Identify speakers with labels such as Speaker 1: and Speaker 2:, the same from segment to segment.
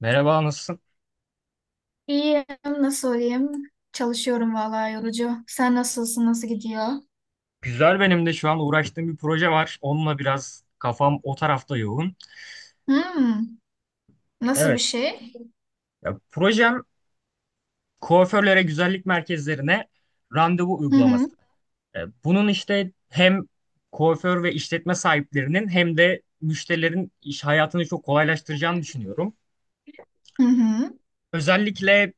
Speaker 1: Merhaba, nasılsın?
Speaker 2: İyiyim, nasıl olayım? Çalışıyorum vallahi yorucu. Sen nasılsın, nasıl gidiyor?
Speaker 1: Güzel benim de şu an uğraştığım bir proje var. Onunla biraz kafam o tarafta yoğun.
Speaker 2: Hmm, Nasıl bir
Speaker 1: Evet,
Speaker 2: şey?
Speaker 1: ya, projem kuaförlere, güzellik merkezlerine randevu
Speaker 2: Hı hı,
Speaker 1: uygulaması. Bunun işte hem kuaför ve işletme sahiplerinin hem de müşterilerin iş hayatını çok kolaylaştıracağını düşünüyorum.
Speaker 2: hı hı,
Speaker 1: Özellikle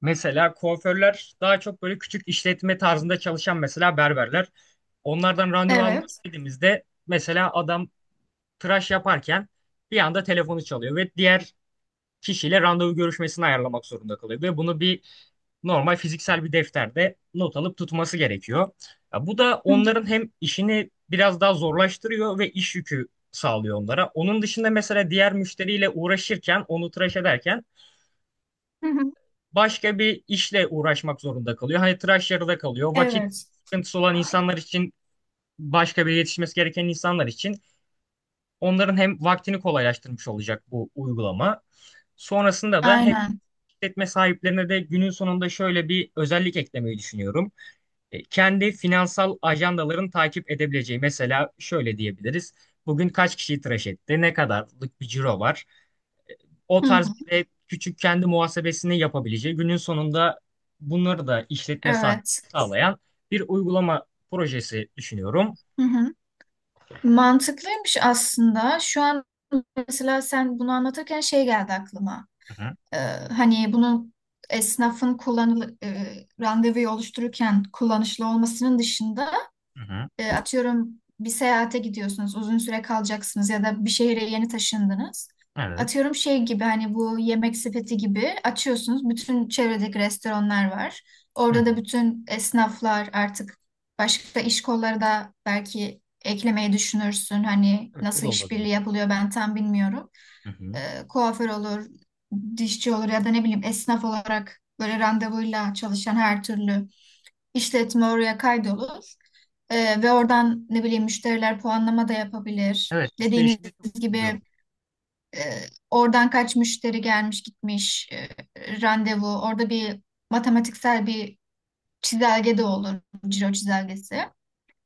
Speaker 1: mesela kuaförler daha çok böyle küçük işletme tarzında çalışan mesela berberler. Onlardan randevu almak
Speaker 2: evet.
Speaker 1: istediğimizde mesela adam tıraş yaparken bir anda telefonu çalıyor ve diğer kişiyle randevu görüşmesini ayarlamak zorunda kalıyor. Ve bunu bir normal fiziksel bir defterde not alıp tutması gerekiyor. Ya bu da
Speaker 2: Hı
Speaker 1: onların hem işini biraz daha zorlaştırıyor ve iş yükü sağlıyor onlara. Onun dışında mesela diğer müşteriyle uğraşırken, onu tıraş ederken
Speaker 2: hı,
Speaker 1: başka bir işle uğraşmak zorunda kalıyor. Hani tıraş yarıda kalıyor. Vakit
Speaker 2: evet,
Speaker 1: sıkıntısı olan insanlar için, başka bir yetişmesi gereken insanlar için onların hem vaktini kolaylaştırmış olacak bu uygulama. Sonrasında da hem
Speaker 2: aynen.
Speaker 1: işletme sahiplerine de günün sonunda şöyle bir özellik eklemeyi düşünüyorum. Kendi finansal ajandaların takip edebileceği mesela şöyle diyebiliriz. Bugün kaç kişiyi tıraş etti? Ne kadarlık bir ciro var? O
Speaker 2: Hı
Speaker 1: tarz
Speaker 2: hı,
Speaker 1: bir de küçük kendi muhasebesini yapabileceği günün sonunda bunları da işletme sahibi
Speaker 2: evet.
Speaker 1: sağlayan bir uygulama projesi düşünüyorum.
Speaker 2: Hı hı. Mantıklıymış aslında. Şu an mesela sen bunu anlatırken şey geldi aklıma.
Speaker 1: Hı hı,
Speaker 2: Ee, Hani bunun esnafın randevuyu oluştururken kullanışlı olmasının dışında
Speaker 1: hı hı,
Speaker 2: Atıyorum bir seyahate gidiyorsunuz, uzun süre kalacaksınız ya da bir şehre yeni taşındınız.
Speaker 1: evet.
Speaker 2: Atıyorum şey gibi hani bu yemek sepeti gibi açıyorsunuz. Bütün çevredeki restoranlar var.
Speaker 1: Hı
Speaker 2: Orada da
Speaker 1: hı.
Speaker 2: bütün esnaflar artık başka iş kolları da belki eklemeyi düşünürsün. Hani
Speaker 1: Evet, o da
Speaker 2: nasıl işbirliği
Speaker 1: olabilir.
Speaker 2: yapılıyor ben tam bilmiyorum.
Speaker 1: Hı hı.
Speaker 2: Kuaför olur, dişçi olur ya da ne bileyim esnaf olarak böyle randevuyla çalışan her türlü işletme oraya kaydolur. Ve oradan ne bileyim müşteriler puanlama da yapabilir.
Speaker 1: Evet, müşteri
Speaker 2: Dediğiniz
Speaker 1: için de çok güzel
Speaker 2: gibi
Speaker 1: olur.
Speaker 2: e, oradan kaç müşteri gelmiş gitmiş randevu. Orada bir matematiksel bir çizelge de olur. Ciro çizelgesi.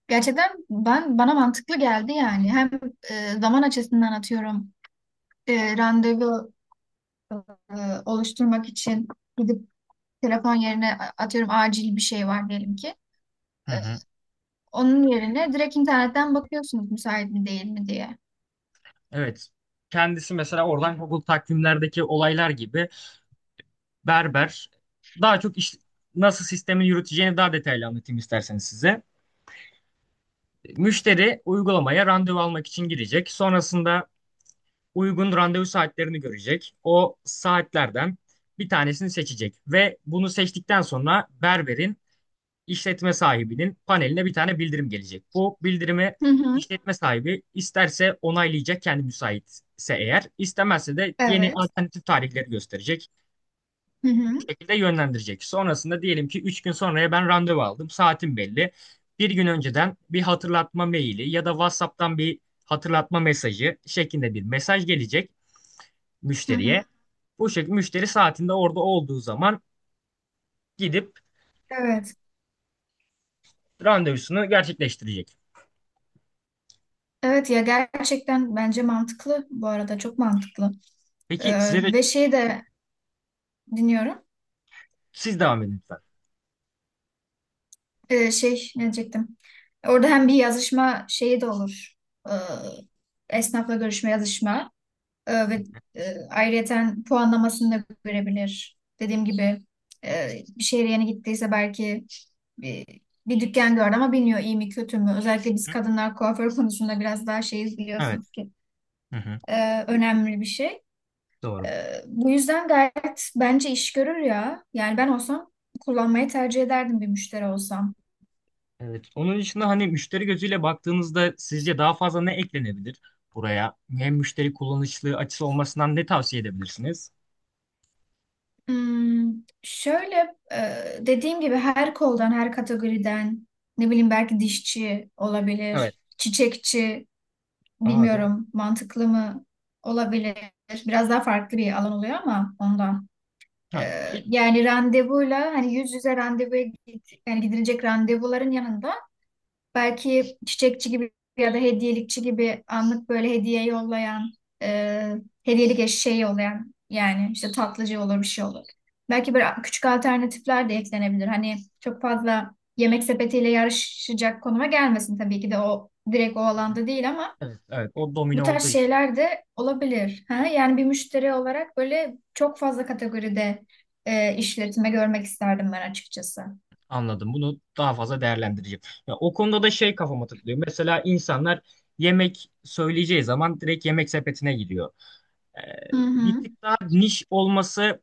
Speaker 2: Gerçekten ben bana mantıklı geldi yani. Hem zaman açısından atıyorum randevu e, oluşturmak için gidip telefon yerine atıyorum acil bir şey var diyelim ki.
Speaker 1: Hı
Speaker 2: E,
Speaker 1: hı.
Speaker 2: Onun yerine direkt internetten bakıyorsunuz müsait mi değil mi diye.
Speaker 1: Evet. Kendisi mesela oradan Google takvimlerdeki olaylar gibi berber daha çok iş, nasıl sistemi yürüteceğini daha detaylı anlatayım isterseniz size. Müşteri uygulamaya randevu almak için girecek. Sonrasında uygun randevu saatlerini görecek. O saatlerden bir tanesini seçecek ve bunu seçtikten sonra berberin işletme sahibinin paneline bir tane bildirim gelecek. Bu bildirimi
Speaker 2: Hı hı.
Speaker 1: işletme sahibi isterse onaylayacak kendi müsaitse eğer, istemezse de yeni
Speaker 2: Evet.
Speaker 1: alternatif tarihleri gösterecek
Speaker 2: Hı
Speaker 1: bu
Speaker 2: hı.
Speaker 1: şekilde yönlendirecek. Sonrasında diyelim ki 3 gün sonraya ben randevu aldım, saatim belli. Bir gün önceden bir hatırlatma maili ya da WhatsApp'tan bir hatırlatma mesajı şeklinde bir mesaj gelecek
Speaker 2: Hı hı.
Speaker 1: müşteriye. Bu şekilde müşteri saatinde orada olduğu zaman gidip
Speaker 2: Evet.
Speaker 1: randevusunu gerçekleştirecek.
Speaker 2: Evet ya gerçekten bence mantıklı bu arada çok mantıklı.
Speaker 1: Peki size de,
Speaker 2: Ve şeyi de dinliyorum.
Speaker 1: siz devam edin lütfen.
Speaker 2: Şey ne diyecektim? Orada hem bir yazışma şeyi de olur. Ee, Esnafla görüşme yazışma ve ayrıyeten puanlamasını da görebilir. Dediğim gibi e, bir şehre yeni gittiyse belki bir, bir dükkan gördü ama bilmiyor iyi mi kötü mü. Özellikle biz kadınlar kuaför konusunda biraz daha şeyiz
Speaker 1: Evet.
Speaker 2: biliyorsunuz ki
Speaker 1: Hı hı.
Speaker 2: önemli bir şey.
Speaker 1: Doğru.
Speaker 2: Bu yüzden gayet bence iş görür ya. Yani ben olsam kullanmayı tercih ederdim bir müşteri olsam.
Speaker 1: Evet. Onun dışında hani müşteri gözüyle baktığınızda sizce daha fazla ne eklenebilir buraya? Hem müşteri kullanışlı açısı olmasından ne tavsiye edebilirsiniz?
Speaker 2: Hmm, şöyle e, dediğim gibi her koldan, her kategoriden ne bileyim belki dişçi
Speaker 1: Evet.
Speaker 2: olabilir, çiçekçi
Speaker 1: Aa doğru.
Speaker 2: bilmiyorum mantıklı mı olabilir. Biraz daha farklı bir alan oluyor ama ondan. Ee,
Speaker 1: Ha, bir-
Speaker 2: Yani randevuyla hani yüz yüze randevuya git, yani gidilecek randevuların yanında belki çiçekçi gibi ya da hediyelikçi gibi anlık böyle hediye yollayan, e, hediyelik eşeği yollayan yani işte tatlıcı olur bir şey olur. Belki böyle küçük alternatifler de eklenebilir. Hani çok fazla yemek sepetiyle yarışacak konuma gelmesin tabii ki de o direkt o alanda değil ama
Speaker 1: evet, evet. O
Speaker 2: bu
Speaker 1: domino
Speaker 2: tarz
Speaker 1: olduğu için
Speaker 2: şeyler de olabilir. Ha? Yani bir müşteri olarak böyle çok fazla kategoride işletme görmek isterdim ben açıkçası.
Speaker 1: anladım. Bunu daha fazla değerlendireceğim. Ya, o konuda da şey kafama takılıyor. Mesela insanlar yemek söyleyeceği zaman direkt yemek sepetine gidiyor. Ee,
Speaker 2: Hı
Speaker 1: Bir
Speaker 2: hı.
Speaker 1: tık daha niş olması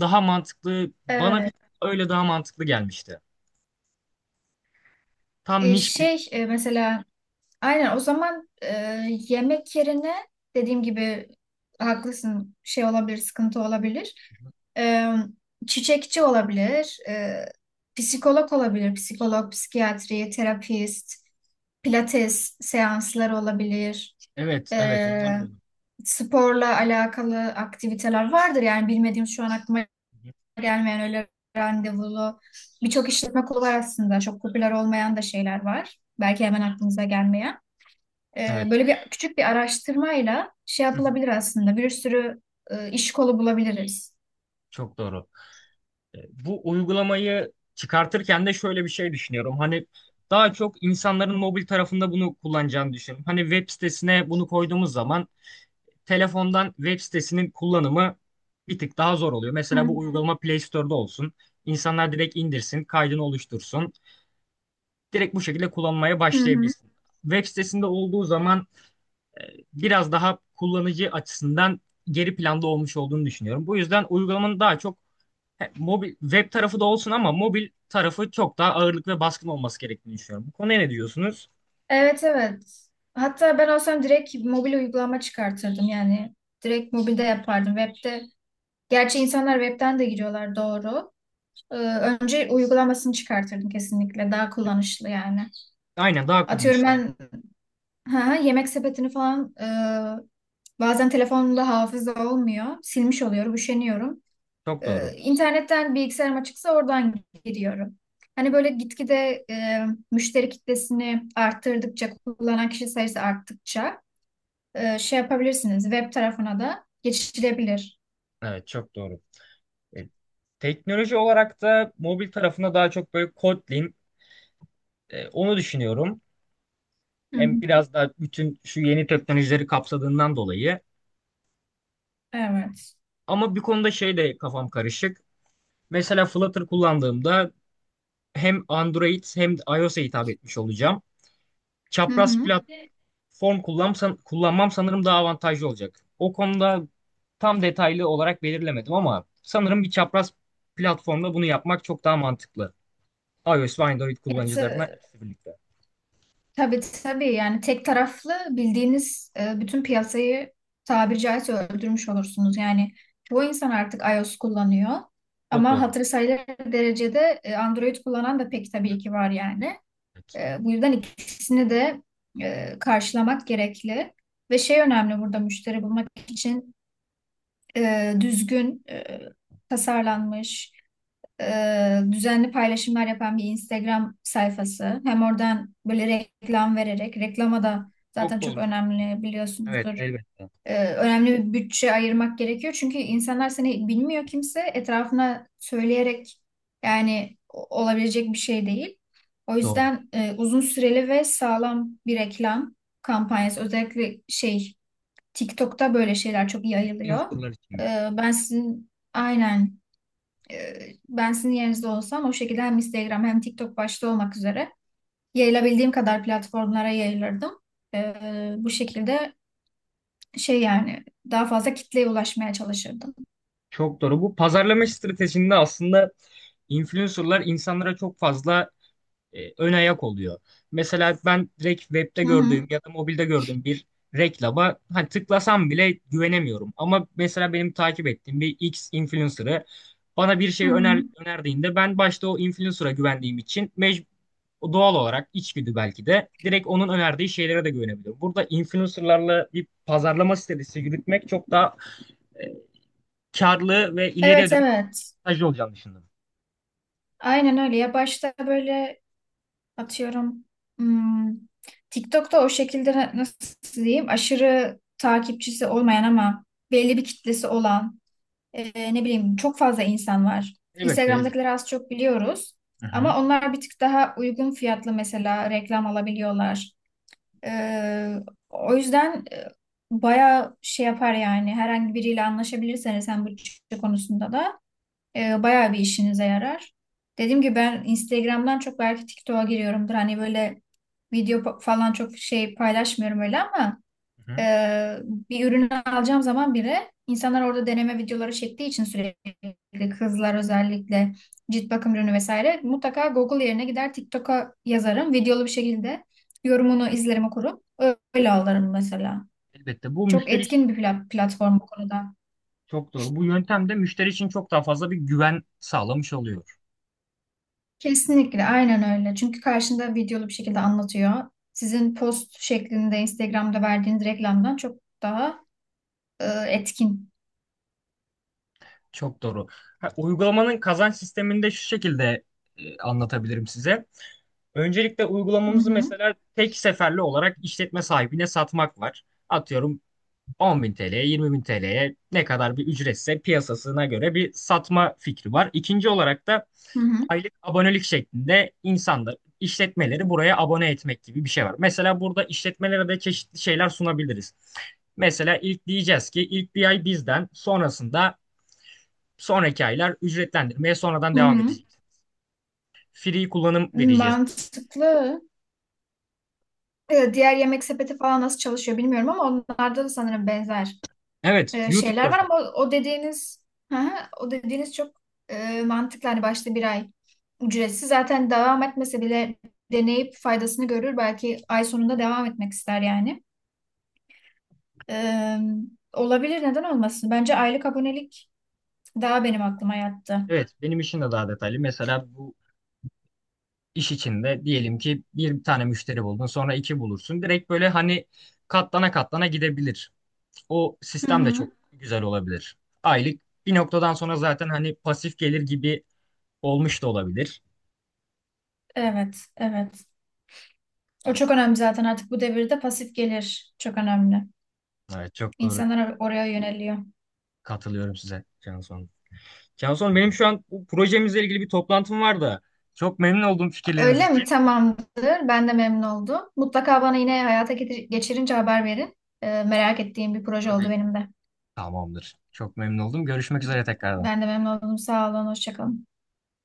Speaker 1: daha mantıklı. Bana bir
Speaker 2: Evet.
Speaker 1: tık öyle daha mantıklı gelmişti. Tam niş bir.
Speaker 2: Mesela aynen o zaman, yemek yerine dediğim gibi haklısın şey olabilir sıkıntı olabilir. E, Çiçekçi olabilir, psikolog olabilir, psikolog, psikiyatri, terapist, pilates seansları olabilir.
Speaker 1: Evet, evet onlar
Speaker 2: E,
Speaker 1: da olur.
Speaker 2: Sporla alakalı aktiviteler vardır yani bilmediğim şu an aklıma
Speaker 1: Hı hı.
Speaker 2: gelmeyen öyle randevulu birçok işletme kolu var aslında çok popüler olmayan da şeyler var. Belki hemen aklınıza gelmeyen.
Speaker 1: Evet.
Speaker 2: Böyle bir küçük bir araştırmayla şey
Speaker 1: Hı hı.
Speaker 2: yapılabilir aslında. Bir sürü iş kolu bulabiliriz.
Speaker 1: Çok doğru. E, Bu uygulamayı çıkartırken de şöyle bir şey düşünüyorum. Hani daha çok insanların mobil tarafında bunu kullanacağını düşünüyorum. Hani web sitesine bunu koyduğumuz zaman telefondan web sitesinin kullanımı bir tık daha zor oluyor.
Speaker 2: Hı
Speaker 1: Mesela bu uygulama Play Store'da olsun. İnsanlar direkt indirsin, kaydını oluştursun. Direkt bu şekilde kullanmaya
Speaker 2: hı. Hı.
Speaker 1: başlayabilsin. Web sitesinde olduğu zaman e, biraz daha kullanıcı açısından geri planda olmuş olduğunu düşünüyorum. Bu yüzden uygulamanın daha çok he, mobil web tarafı da olsun ama mobil tarafı çok daha ağırlık ve baskın olması gerektiğini düşünüyorum. Bu konuya ne diyorsunuz?
Speaker 2: Evet, evet. Hatta ben olsam direkt mobil uygulama çıkartırdım yani. Direkt mobilde yapardım. Web'de. Gerçi insanlar web'ten de giriyorlar doğru. Önce uygulamasını çıkartırdım kesinlikle. Daha kullanışlı yani.
Speaker 1: Aynen daha
Speaker 2: Atıyorum
Speaker 1: kullanışlı.
Speaker 2: ben ha, yemek sepetini falan bazen telefonumda hafıza olmuyor. Silmiş oluyorum, üşeniyorum.
Speaker 1: Çok doğru.
Speaker 2: İnternetten bilgisayarım açıksa oradan giriyorum. Hani böyle gitgide e, müşteri kitlesini arttırdıkça, kullanan kişi sayısı arttıkça şey yapabilirsiniz. Web tarafına da geçilebilir.
Speaker 1: Evet çok doğru. E, Teknoloji olarak da mobil tarafına daha çok böyle Kotlin onu düşünüyorum.
Speaker 2: Hı
Speaker 1: Hem
Speaker 2: hı.
Speaker 1: biraz daha bütün şu yeni teknolojileri kapsadığından dolayı.
Speaker 2: Evet.
Speaker 1: Ama bir konuda şey de kafam karışık. Mesela Flutter kullandığımda hem Android hem de iOS'a hitap etmiş olacağım.
Speaker 2: Hı
Speaker 1: Çapraz
Speaker 2: hı.
Speaker 1: platform kullansam, kullanmam sanırım daha avantajlı olacak. O konuda tam detaylı olarak belirlemedim ama sanırım bir çapraz platformda bunu yapmak çok daha mantıklı. iOS ve Android
Speaker 2: Evet,
Speaker 1: kullanıcılarına ikisi birlikte.
Speaker 2: tabii tabii yani tek taraflı bildiğiniz bütün piyasayı tabiri caizse öldürmüş olursunuz. Yani çoğu insan artık iOS kullanıyor
Speaker 1: Çok
Speaker 2: ama
Speaker 1: doğru.
Speaker 2: hatırı sayılır derecede Android kullanan da pek tabii ki var yani.
Speaker 1: Evet.
Speaker 2: Bu yüzden ikisini de karşılamak gerekli. Ve şey önemli burada müşteri bulmak için düzgün, tasarlanmış, düzenli paylaşımlar yapan bir Instagram sayfası. Hem oradan böyle reklam vererek, reklama da zaten
Speaker 1: Çok
Speaker 2: çok
Speaker 1: doğru.
Speaker 2: önemli
Speaker 1: Evet,
Speaker 2: biliyorsunuzdur,
Speaker 1: elbette.
Speaker 2: önemli bir bütçe ayırmak gerekiyor. Çünkü insanlar seni bilmiyor kimse etrafına söyleyerek yani olabilecek bir şey değil. O
Speaker 1: Doğru.
Speaker 2: yüzden uzun süreli ve sağlam bir reklam kampanyası, özellikle şey, TikTok'ta böyle şeyler çok iyi yayılıyor.
Speaker 1: Influencerlar için.
Speaker 2: E, ben sizin aynen e, ben sizin yerinizde olsam o şekilde hem Instagram hem TikTok başta olmak üzere yayılabildiğim kadar platformlara yayılırdım. E, Bu şekilde şey yani daha fazla kitleye ulaşmaya çalışırdım.
Speaker 1: Çok doğru. Bu pazarlama stratejinde aslında influencerlar insanlara çok fazla ön ayak oluyor. Mesela ben direkt webde
Speaker 2: Hı hı.
Speaker 1: gördüğüm ya da mobilde gördüğüm bir reklama hani tıklasam bile güvenemiyorum. Ama mesela benim takip ettiğim bir X influencer'ı bana bir
Speaker 2: Hı
Speaker 1: şey
Speaker 2: hı.
Speaker 1: önerdiğinde ben başta o influencer'a güvendiğim için doğal olarak içgüdü belki de direkt onun önerdiği şeylere de güvenebiliyorum. Burada influencer'larla bir pazarlama stratejisi yürütmek çok daha e, karlı ve ileriye
Speaker 2: Evet,
Speaker 1: dönük
Speaker 2: evet.
Speaker 1: mesajlı olacağını düşündüm.
Speaker 2: Aynen öyle. Ya başta böyle atıyorum, hmm, TikTok'ta o şekilde nasıl diyeyim aşırı takipçisi olmayan ama belli bir kitlesi olan ne bileyim çok fazla insan var.
Speaker 1: Elbette, elbette.
Speaker 2: Instagram'dakileri az çok biliyoruz.
Speaker 1: Hı hı,
Speaker 2: Ama onlar bir tık daha uygun fiyatlı mesela reklam alabiliyorlar. Ee, O yüzden bayağı şey yapar yani herhangi biriyle anlaşabilirseniz hem bütçe konusunda da bayağı bir işinize yarar. Dediğim gibi ben Instagram'dan çok belki TikTok'a giriyorumdur. Hani böyle video falan çok şey paylaşmıyorum öyle ama
Speaker 1: hı hı.
Speaker 2: ee, bir ürünü alacağım zaman bile insanlar orada deneme videoları çektiği için sürekli kızlar özellikle cilt bakım ürünü vesaire mutlaka Google yerine gider TikTok'a yazarım, videolu bir şekilde yorumunu izlerim okurum, öyle alırım mesela.
Speaker 1: Elbette bu
Speaker 2: Çok
Speaker 1: müşteri.
Speaker 2: etkin bir platform bu konuda.
Speaker 1: Çok doğru. Bu yöntem de müşteri için çok daha fazla bir güven sağlamış oluyor.
Speaker 2: Kesinlikle aynen öyle. Çünkü karşında videolu bir şekilde anlatıyor. Sizin post şeklinde Instagram'da verdiğiniz reklamdan çok daha etkin.
Speaker 1: Çok doğru. Ha, uygulamanın kazanç sistemini de şu şekilde anlatabilirim size. Öncelikle
Speaker 2: Hı
Speaker 1: uygulamamızı
Speaker 2: hı.
Speaker 1: mesela tek seferli olarak işletme sahibine satmak var. Atıyorum 10 bin TL'ye, 20 bin TL'ye ne kadar bir ücretse piyasasına göre bir satma fikri var. İkinci olarak da
Speaker 2: Hı hı.
Speaker 1: aylık abonelik şeklinde insanlar, işletmeleri buraya abone etmek gibi bir şey var. Mesela burada işletmelere de çeşitli şeyler sunabiliriz. Mesela ilk diyeceğiz ki ilk bir ay bizden sonrasında sonraki aylar ücretlendirmeye sonradan
Speaker 2: Hı
Speaker 1: devam
Speaker 2: hı.
Speaker 1: edecek. Free kullanım vereceğiz.
Speaker 2: Mantıklı. Diğer yemek sepeti falan nasıl çalışıyor bilmiyorum ama onlarda da sanırım benzer
Speaker 1: Evet, YouTube'da
Speaker 2: şeyler var ama
Speaker 1: özellikle.
Speaker 2: o dediğiniz hı hı, o dediğiniz çok mantıklı. Hani başta bir ay ücretsiz zaten devam etmese bile deneyip faydasını görür. Belki ay sonunda devam etmek ister yani. E, Olabilir neden olmasın? Bence aylık abonelik daha benim aklıma yattı.
Speaker 1: Evet, benim işim de daha detaylı. Mesela bu iş içinde diyelim ki bir tane müşteri buldun sonra iki bulursun. Direkt böyle hani katlana katlana gidebilir. O
Speaker 2: Hı
Speaker 1: sistem de çok
Speaker 2: hı.
Speaker 1: güzel olabilir. Aylık bir noktadan sonra zaten hani pasif gelir gibi olmuş da olabilir.
Speaker 2: Evet, evet. O
Speaker 1: Evet,
Speaker 2: çok önemli zaten artık bu devirde pasif gelir çok önemli.
Speaker 1: evet çok doğru,
Speaker 2: İnsanlar oraya yöneliyor.
Speaker 1: katılıyorum size Canson. Canson benim şu an bu projemizle ilgili bir toplantım var da çok memnun oldum fikirleriniz
Speaker 2: Öyle
Speaker 1: için.
Speaker 2: mi? Tamamdır. Ben de memnun oldum. Mutlaka bana yine hayata geçirince haber verin. Merak ettiğim bir proje oldu
Speaker 1: Tabii.
Speaker 2: benim de.
Speaker 1: Tamamdır. Çok memnun oldum. Görüşmek üzere tekrardan.
Speaker 2: Ben de memnun oldum. Sağ olun. Hoşça kalın.